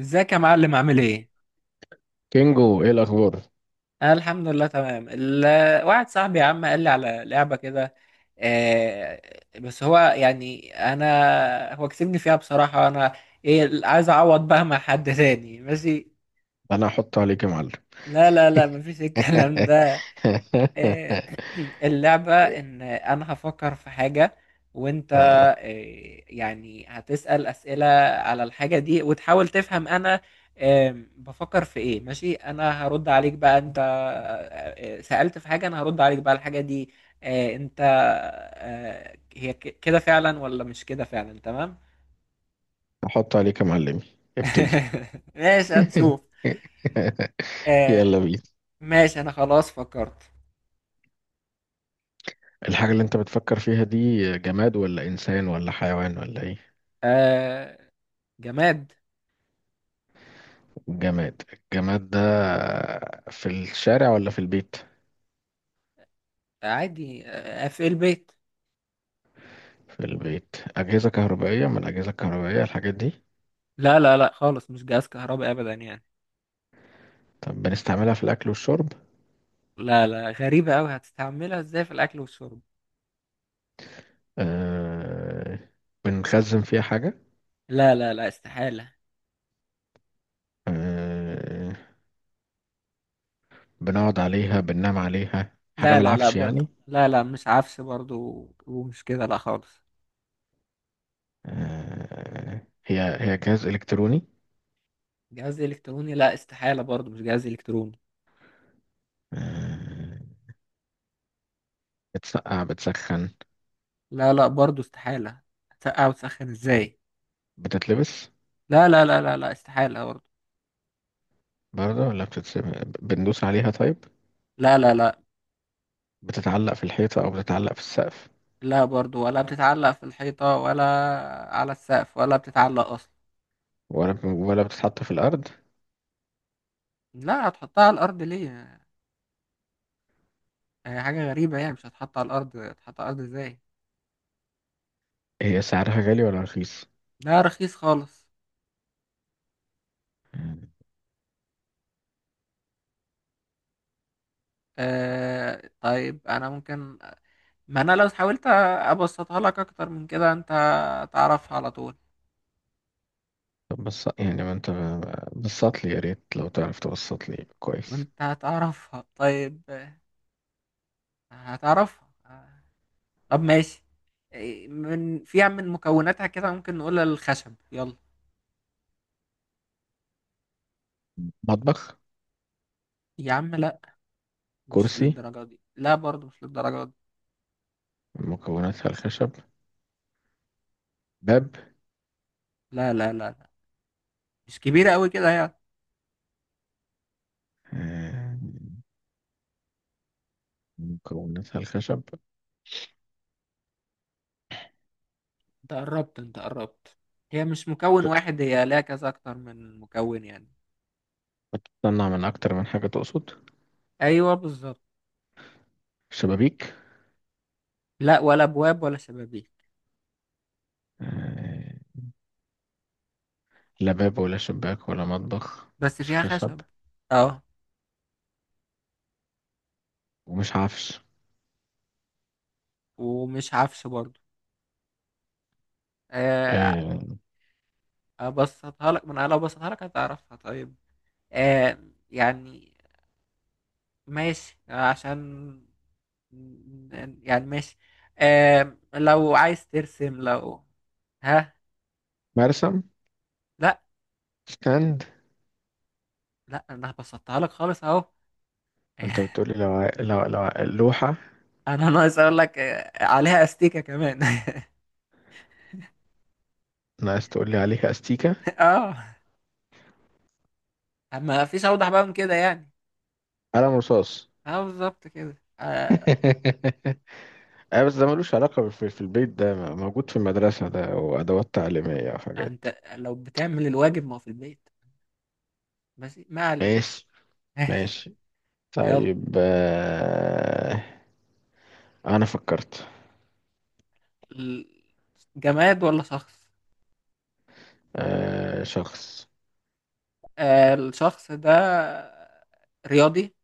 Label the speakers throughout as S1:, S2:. S1: ازيك يا معلم؟ عامل ايه؟
S2: كينجو، ايه الاخبار؟
S1: انا الحمد لله تمام. واحد صاحبي يا عم قال لي على لعبة كده. آه، بس هو يعني انا هو كسبني فيها بصراحة. انا ايه، عايز اعوض بقى مع حد تاني. ماشي.
S2: انا هحط عليك يا معلم.
S1: لا لا لا، مفيش الكلام ده. آه، اللعبة إن أنا هفكر في حاجة، وأنت
S2: آه،
S1: يعني هتسأل أسئلة على الحاجة دي وتحاول تفهم أنا بفكر في إيه. ماشي، أنا هرد عليك بقى، أنت سألت في حاجة أنا هرد عليك بقى الحاجة دي أنت هي كده فعلا ولا مش كده فعلا؟ تمام.
S2: هحط عليك يا معلمي. ابتدي.
S1: ماشي هنشوف.
S2: يلا
S1: آه.
S2: بينا.
S1: ماشي، أنا خلاص فكرت.
S2: الحاجة اللي انت بتفكر فيها دي جماد ولا انسان ولا حيوان ولا ايه؟
S1: آه. جماد.
S2: جماد. الجماد ده في الشارع ولا في البيت؟
S1: عادي، في البيت.
S2: في البيت اجهزة كهربائية، من الاجهزة الكهربائية الحاجات دي؟
S1: لا لا لا خالص، مش جهاز كهربائي ابدا يعني.
S2: طب بنستعملها في الاكل والشرب؟
S1: لا لا، غريبة قوي، هتستعملها ازاي في الاكل والشرب؟
S2: أه... بنخزن فيها حاجة؟
S1: لا لا لا، استحالة.
S2: أه... بنقعد عليها، بننام عليها، حاجة
S1: لا
S2: من
S1: لا لا
S2: العفش
S1: برضه،
S2: يعني؟
S1: لا لا مش عفش برضه، ومش كده، لا خالص.
S2: هي هي جهاز إلكتروني؟
S1: جهاز الكتروني؟ لا استحالة برضه، مش جهاز الكتروني.
S2: آه، بتسقع، بتسخن؟
S1: لا لا، برضه استحالة. هتسقع وتسخن ازاي؟
S2: بتتلبس
S1: لا لا لا لا لا، استحالة برضه.
S2: برضه ولا بتتسيب؟ بندوس عليها طيب؟
S1: لا لا لا.
S2: بتتعلق في الحيطة أو بتتعلق في السقف؟
S1: لا برضه، ولا بتتعلق في الحيطة ولا على السقف، ولا بتتعلق اصلا.
S2: ولا بتتحط في الأرض؟
S1: لا، هتحطها على الارض ليه؟ هي حاجة غريبة يعني، مش هتحط على الارض، هتحط على الارض ازاي؟
S2: هي سعرها غالي ولا رخيص؟
S1: لا، رخيص خالص.
S2: مم.
S1: طيب انا ممكن، ما انا لو حاولت ابسطها لك اكتر من كده، انت هتعرفها على طول.
S2: طب بس يعني ما أنت بسط لي، يا ريت لو تعرف تبسط لي كويس.
S1: وانت هتعرفها طيب. هتعرفها. طب ماشي. من فيها، من مكوناتها كده ممكن نقول الخشب. يلا
S2: مطبخ؟
S1: يا عم، لا، مش
S2: كرسي؟
S1: للدرجة دي، لا برضه مش للدرجة دي.
S2: مكوناتها الخشب؟ باب؟
S1: لا لا لا لا، مش كبيرة قوي كده يعني.
S2: آه، مكوناتها الخشب.
S1: انت قربت، انت قربت. هي مش مكون واحد، هي لها كذا، اكتر من مكون يعني.
S2: بتطلع من أكتر من حاجة تقصد؟
S1: ايوه بالظبط.
S2: شبابيك؟
S1: لا، ولا ابواب ولا شبابيك.
S2: آه، لا باب ولا شباك ولا مطبخ.
S1: بس
S2: مش
S1: فيها
S2: خشب.
S1: خشب. اه.
S2: ومش عفش.
S1: ومش عفش برضو. آه.
S2: آه،
S1: ابسطها لك، ما انا لو ابسطها لك هتعرفها طيب. آه يعني، ماشي عشان يعني ماشي. لو عايز ترسم، لو... ها.
S2: مرسم؟
S1: لا.
S2: ستاند؟
S1: لا، انا بسطها لك خالص اهو.
S2: أنت بتقولي، لو ع- لو لو لوحة؟
S1: انا ناقص اقول لك عليها استيكة كمان.
S2: ناقص تقولي عليها أستيكة.
S1: اه، ما فيش اوضح بقى من كده يعني.
S2: قلم رصاص.
S1: اه بالظبط كده. آه.
S2: بس ده ملوش علاقة في البيت، ده موجود في المدرسة، ده وأدوات تعليمية
S1: يعني
S2: وحاجات.
S1: انت لو بتعمل الواجب، ما هو في البيت. بس ما علينا.
S2: ماشي.
S1: ماشي.
S2: ماشي.
S1: يلا.
S2: طيب. أنا فكرت.
S1: ال- جماد ولا شخص؟
S2: شخص.
S1: الشخص ده رياضي؟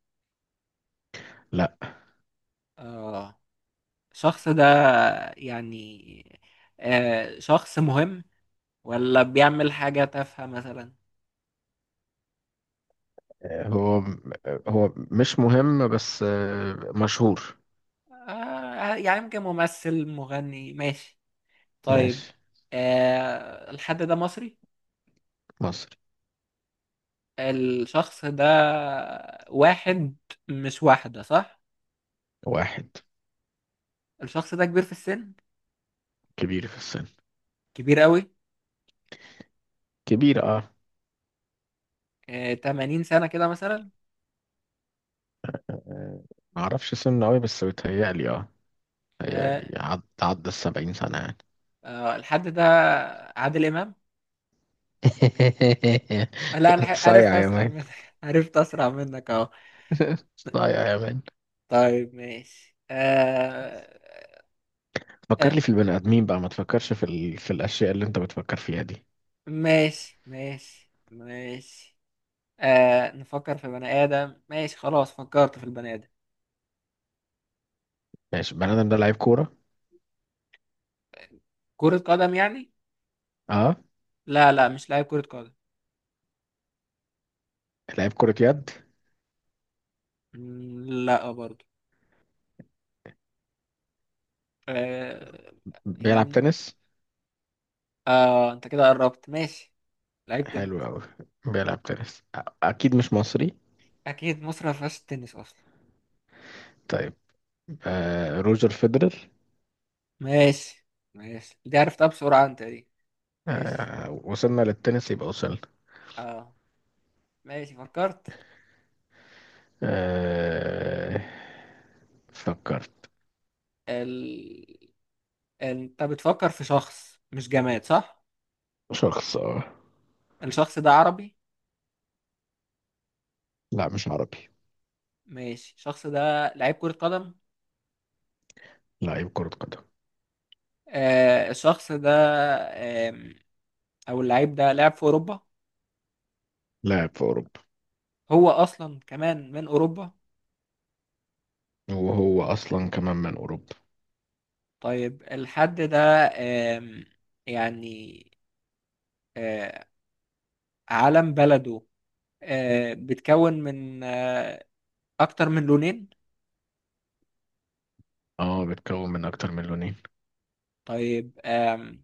S2: لا،
S1: آه الشخص ده يعني شخص مهم ولا بيعمل حاجة تافهة مثلا؟
S2: هو هو مش مهم بس مشهور.
S1: يعني يمكن ممثل، مغني، ماشي. طيب.
S2: ماشي.
S1: الحد ده مصري؟
S2: مصري.
S1: الشخص ده واحد مش واحدة، صح؟
S2: واحد.
S1: الشخص ده كبير في السن؟
S2: كبير في السن.
S1: كبير قوي؟
S2: كبير، اه.
S1: 80 سنة كده مثلا؟
S2: آه، معرفش سنه قوي بس بيتهيألي اه،
S1: آه.
S2: بيتهيألي عدى السبعين سنة يعني.
S1: الحد ده عادل إمام؟ لا عرفت
S2: صايع يا
S1: أسرع
S2: مان.
S1: منك. عرفت أسرع منك أهو.
S2: صايع يا مان.
S1: طيب ماشي. آه.
S2: فكر
S1: آه
S2: لي في البني آدمين بقى، ما تفكرش في الأشياء اللي أنت بتفكر فيها دي.
S1: ماشي ماشي ماشي. نفكر في بني آدم، ماشي، خلاص فكرت في البني آدم.
S2: ماشي. البني آدم ده لعيب كورة.
S1: كرة قدم يعني؟
S2: اه.
S1: لا لا، مش لاعب كرة قدم.
S2: لعيب كرة يد؟
S1: مم، لا برضو. آه
S2: بيلعب
S1: يعني
S2: تنس؟
S1: انت كده قربت، ماشي. لعيب تاني.
S2: حلو أوي. بيلعب تنس، أكيد مش مصري.
S1: اكيد، مصر ما فيهاش التنس اصلا.
S2: طيب. روجر فيدرر.
S1: ماشي. ماشي دي عرفتها بسرعه انت دي. ماشي.
S2: وصلنا للتنس يبقى وصلنا.
S1: اه. ماشي فكرت.
S2: آه فكرت.
S1: ال... انت بتفكر في شخص مش جماد صح؟
S2: شخص، اه.
S1: الشخص ده عربي؟
S2: لا، مش عربي.
S1: ماشي. الشخص ده لعيب كرة قدم.
S2: لاعب كرة قدم.
S1: الشخص ده آم، او اللعيب ده لعب في اوروبا؟
S2: لاعب في أوروبا.
S1: هو اصلا كمان من اوروبا؟
S2: وهو أصلا كمان من أوروبا.
S1: طيب الحد ده آم، يعني آه علم بلده بتكون من أكتر من لونين.
S2: اه، بيتكون من أكتر من لونين.
S1: طيب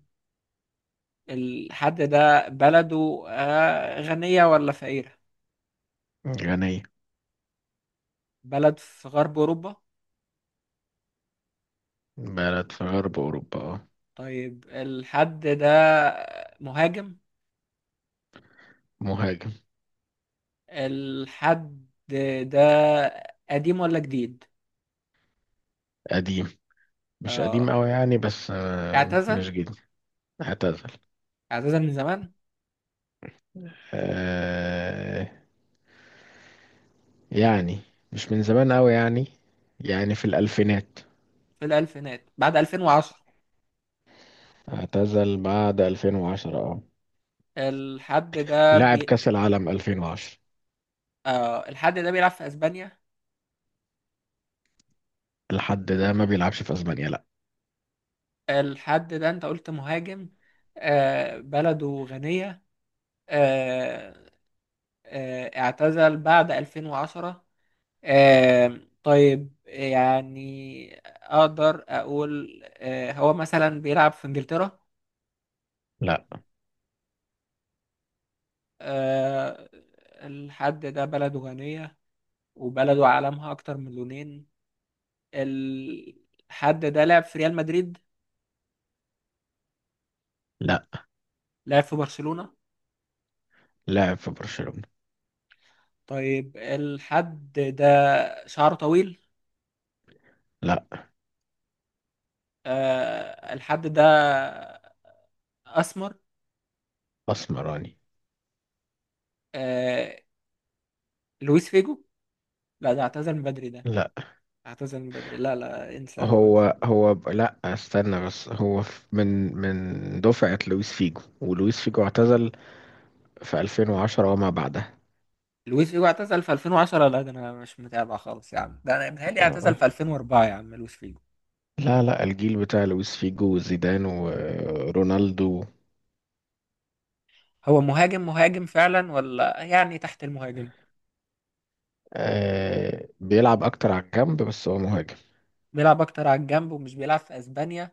S1: الحد ده بلده غنية ولا فقيرة؟
S2: غنية.
S1: بلد في غرب أوروبا.
S2: بلد في غرب أوروبا، اه.
S1: طيب الحد ده مهاجم.
S2: مهاجم.
S1: الحد ده قديم ولا جديد؟
S2: قديم. مش قديم
S1: آه.
S2: أوي يعني بس
S1: اعتزل؟
S2: مش جديد. اعتزل.
S1: اعتزل من زمان؟
S2: آه يعني مش من زمان أوي يعني. يعني في الألفينات.
S1: في الألفينات بعد 2010؟
S2: اعتزل بعد 2010، اه.
S1: الحد ده
S2: لعب كأس العالم 2010.
S1: الحد ده بيلعب في أسبانيا؟
S2: لحد ده ما بيلعبش في اسبانيا، لا.
S1: الحد ده أنت قلت مهاجم، آه بلده غنية، آه، اعتزل بعد 2010. طيب يعني اقدر اقول هو مثلا بيلعب في انجلترا؟
S2: لا،
S1: آه، الحد ده بلده غنية، وبلده عالمها اكتر من لونين. الحد ده لعب في ريال مدريد؟
S2: لا.
S1: لعب في برشلونة؟
S2: لعب في برشلونة.
S1: طيب الحد ده شعره طويل؟
S2: لا.
S1: الحد ده اسمر؟
S2: اسمراني.
S1: آه، لويس فيجو؟ لا، ده اعتزل من بدري ده.
S2: لا،
S1: اعتزل من بدري، لا لا، انسى اللي قلت.
S2: هو هو لا استنى بس، هو من دفعة لويس فيجو، ولويس فيجو اعتزل في 2010 وما بعدها.
S1: لويس فيجو اعتزل في 2010؟ لا، ده انا مش متابع خالص يا عم، ده انا متهيألي اعتزل
S2: آه.
S1: في 2004 يا عم لويس فيجو.
S2: لا، لا، الجيل بتاع لويس فيجو وزيدان ورونالدو.
S1: هو مهاجم مهاجم فعلا، ولا يعني تحت المهاجم؟
S2: بيلعب اكتر على الجنب بس هو مهاجم.
S1: بيلعب اكتر على الجنب، ومش بيلعب في اسبانيا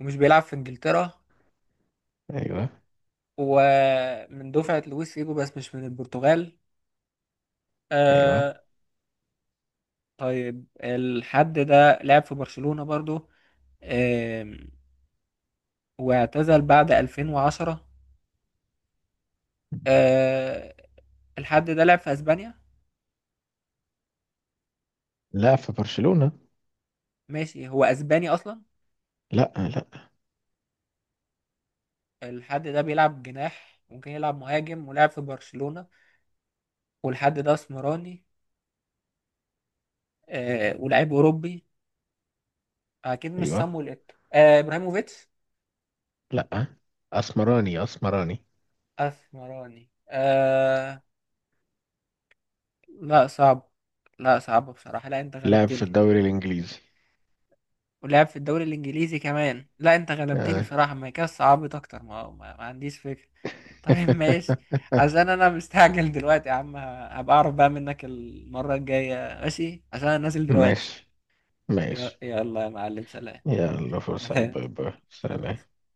S1: ومش بيلعب في انجلترا و-
S2: ايوه.
S1: ومن دفعة لويس فيجو، بس مش من البرتغال.
S2: ايوه.
S1: آه. طيب الحد ده لعب في برشلونة برضو. آه، واعتزل بعد 2010. آه الحد ده لعب في اسبانيا.
S2: لا، في برشلونة.
S1: ماشي، هو اسباني اصلا؟
S2: لا. لا.
S1: الحد ده بيلعب جناح ممكن يلعب مهاجم، ولعب في برشلونة، والحد ده اسمراني، آه، ولاعيب اوروبي. اكيد مش
S2: ايوه.
S1: سامويل ايتو. آه، ابراهيموفيتش؟
S2: لا. اسمراني، اسمراني.
S1: اسمراني، آه. لا صعب، لا صعب بصراحة، لا انت
S2: لاعب في
S1: غلبتني.
S2: الدوري الانجليزي.
S1: ولعب في الدوري الانجليزي كمان، لا انت غلبتني
S2: آه.
S1: بصراحة، ما كده صعبت اكتر. ما عنديش فكرة. طيب ماشي، عشان انا مستعجل دلوقتي يا عم، هبقى اعرف بقى منك المرة الجاية. ماشي، عشان انا نازل دلوقتي.
S2: ماشي، ماشي.
S1: يلا يا معلم، سلام.
S2: يلا فرصة، باي باي،
S1: سلام.
S2: سلام.
S1: سلام.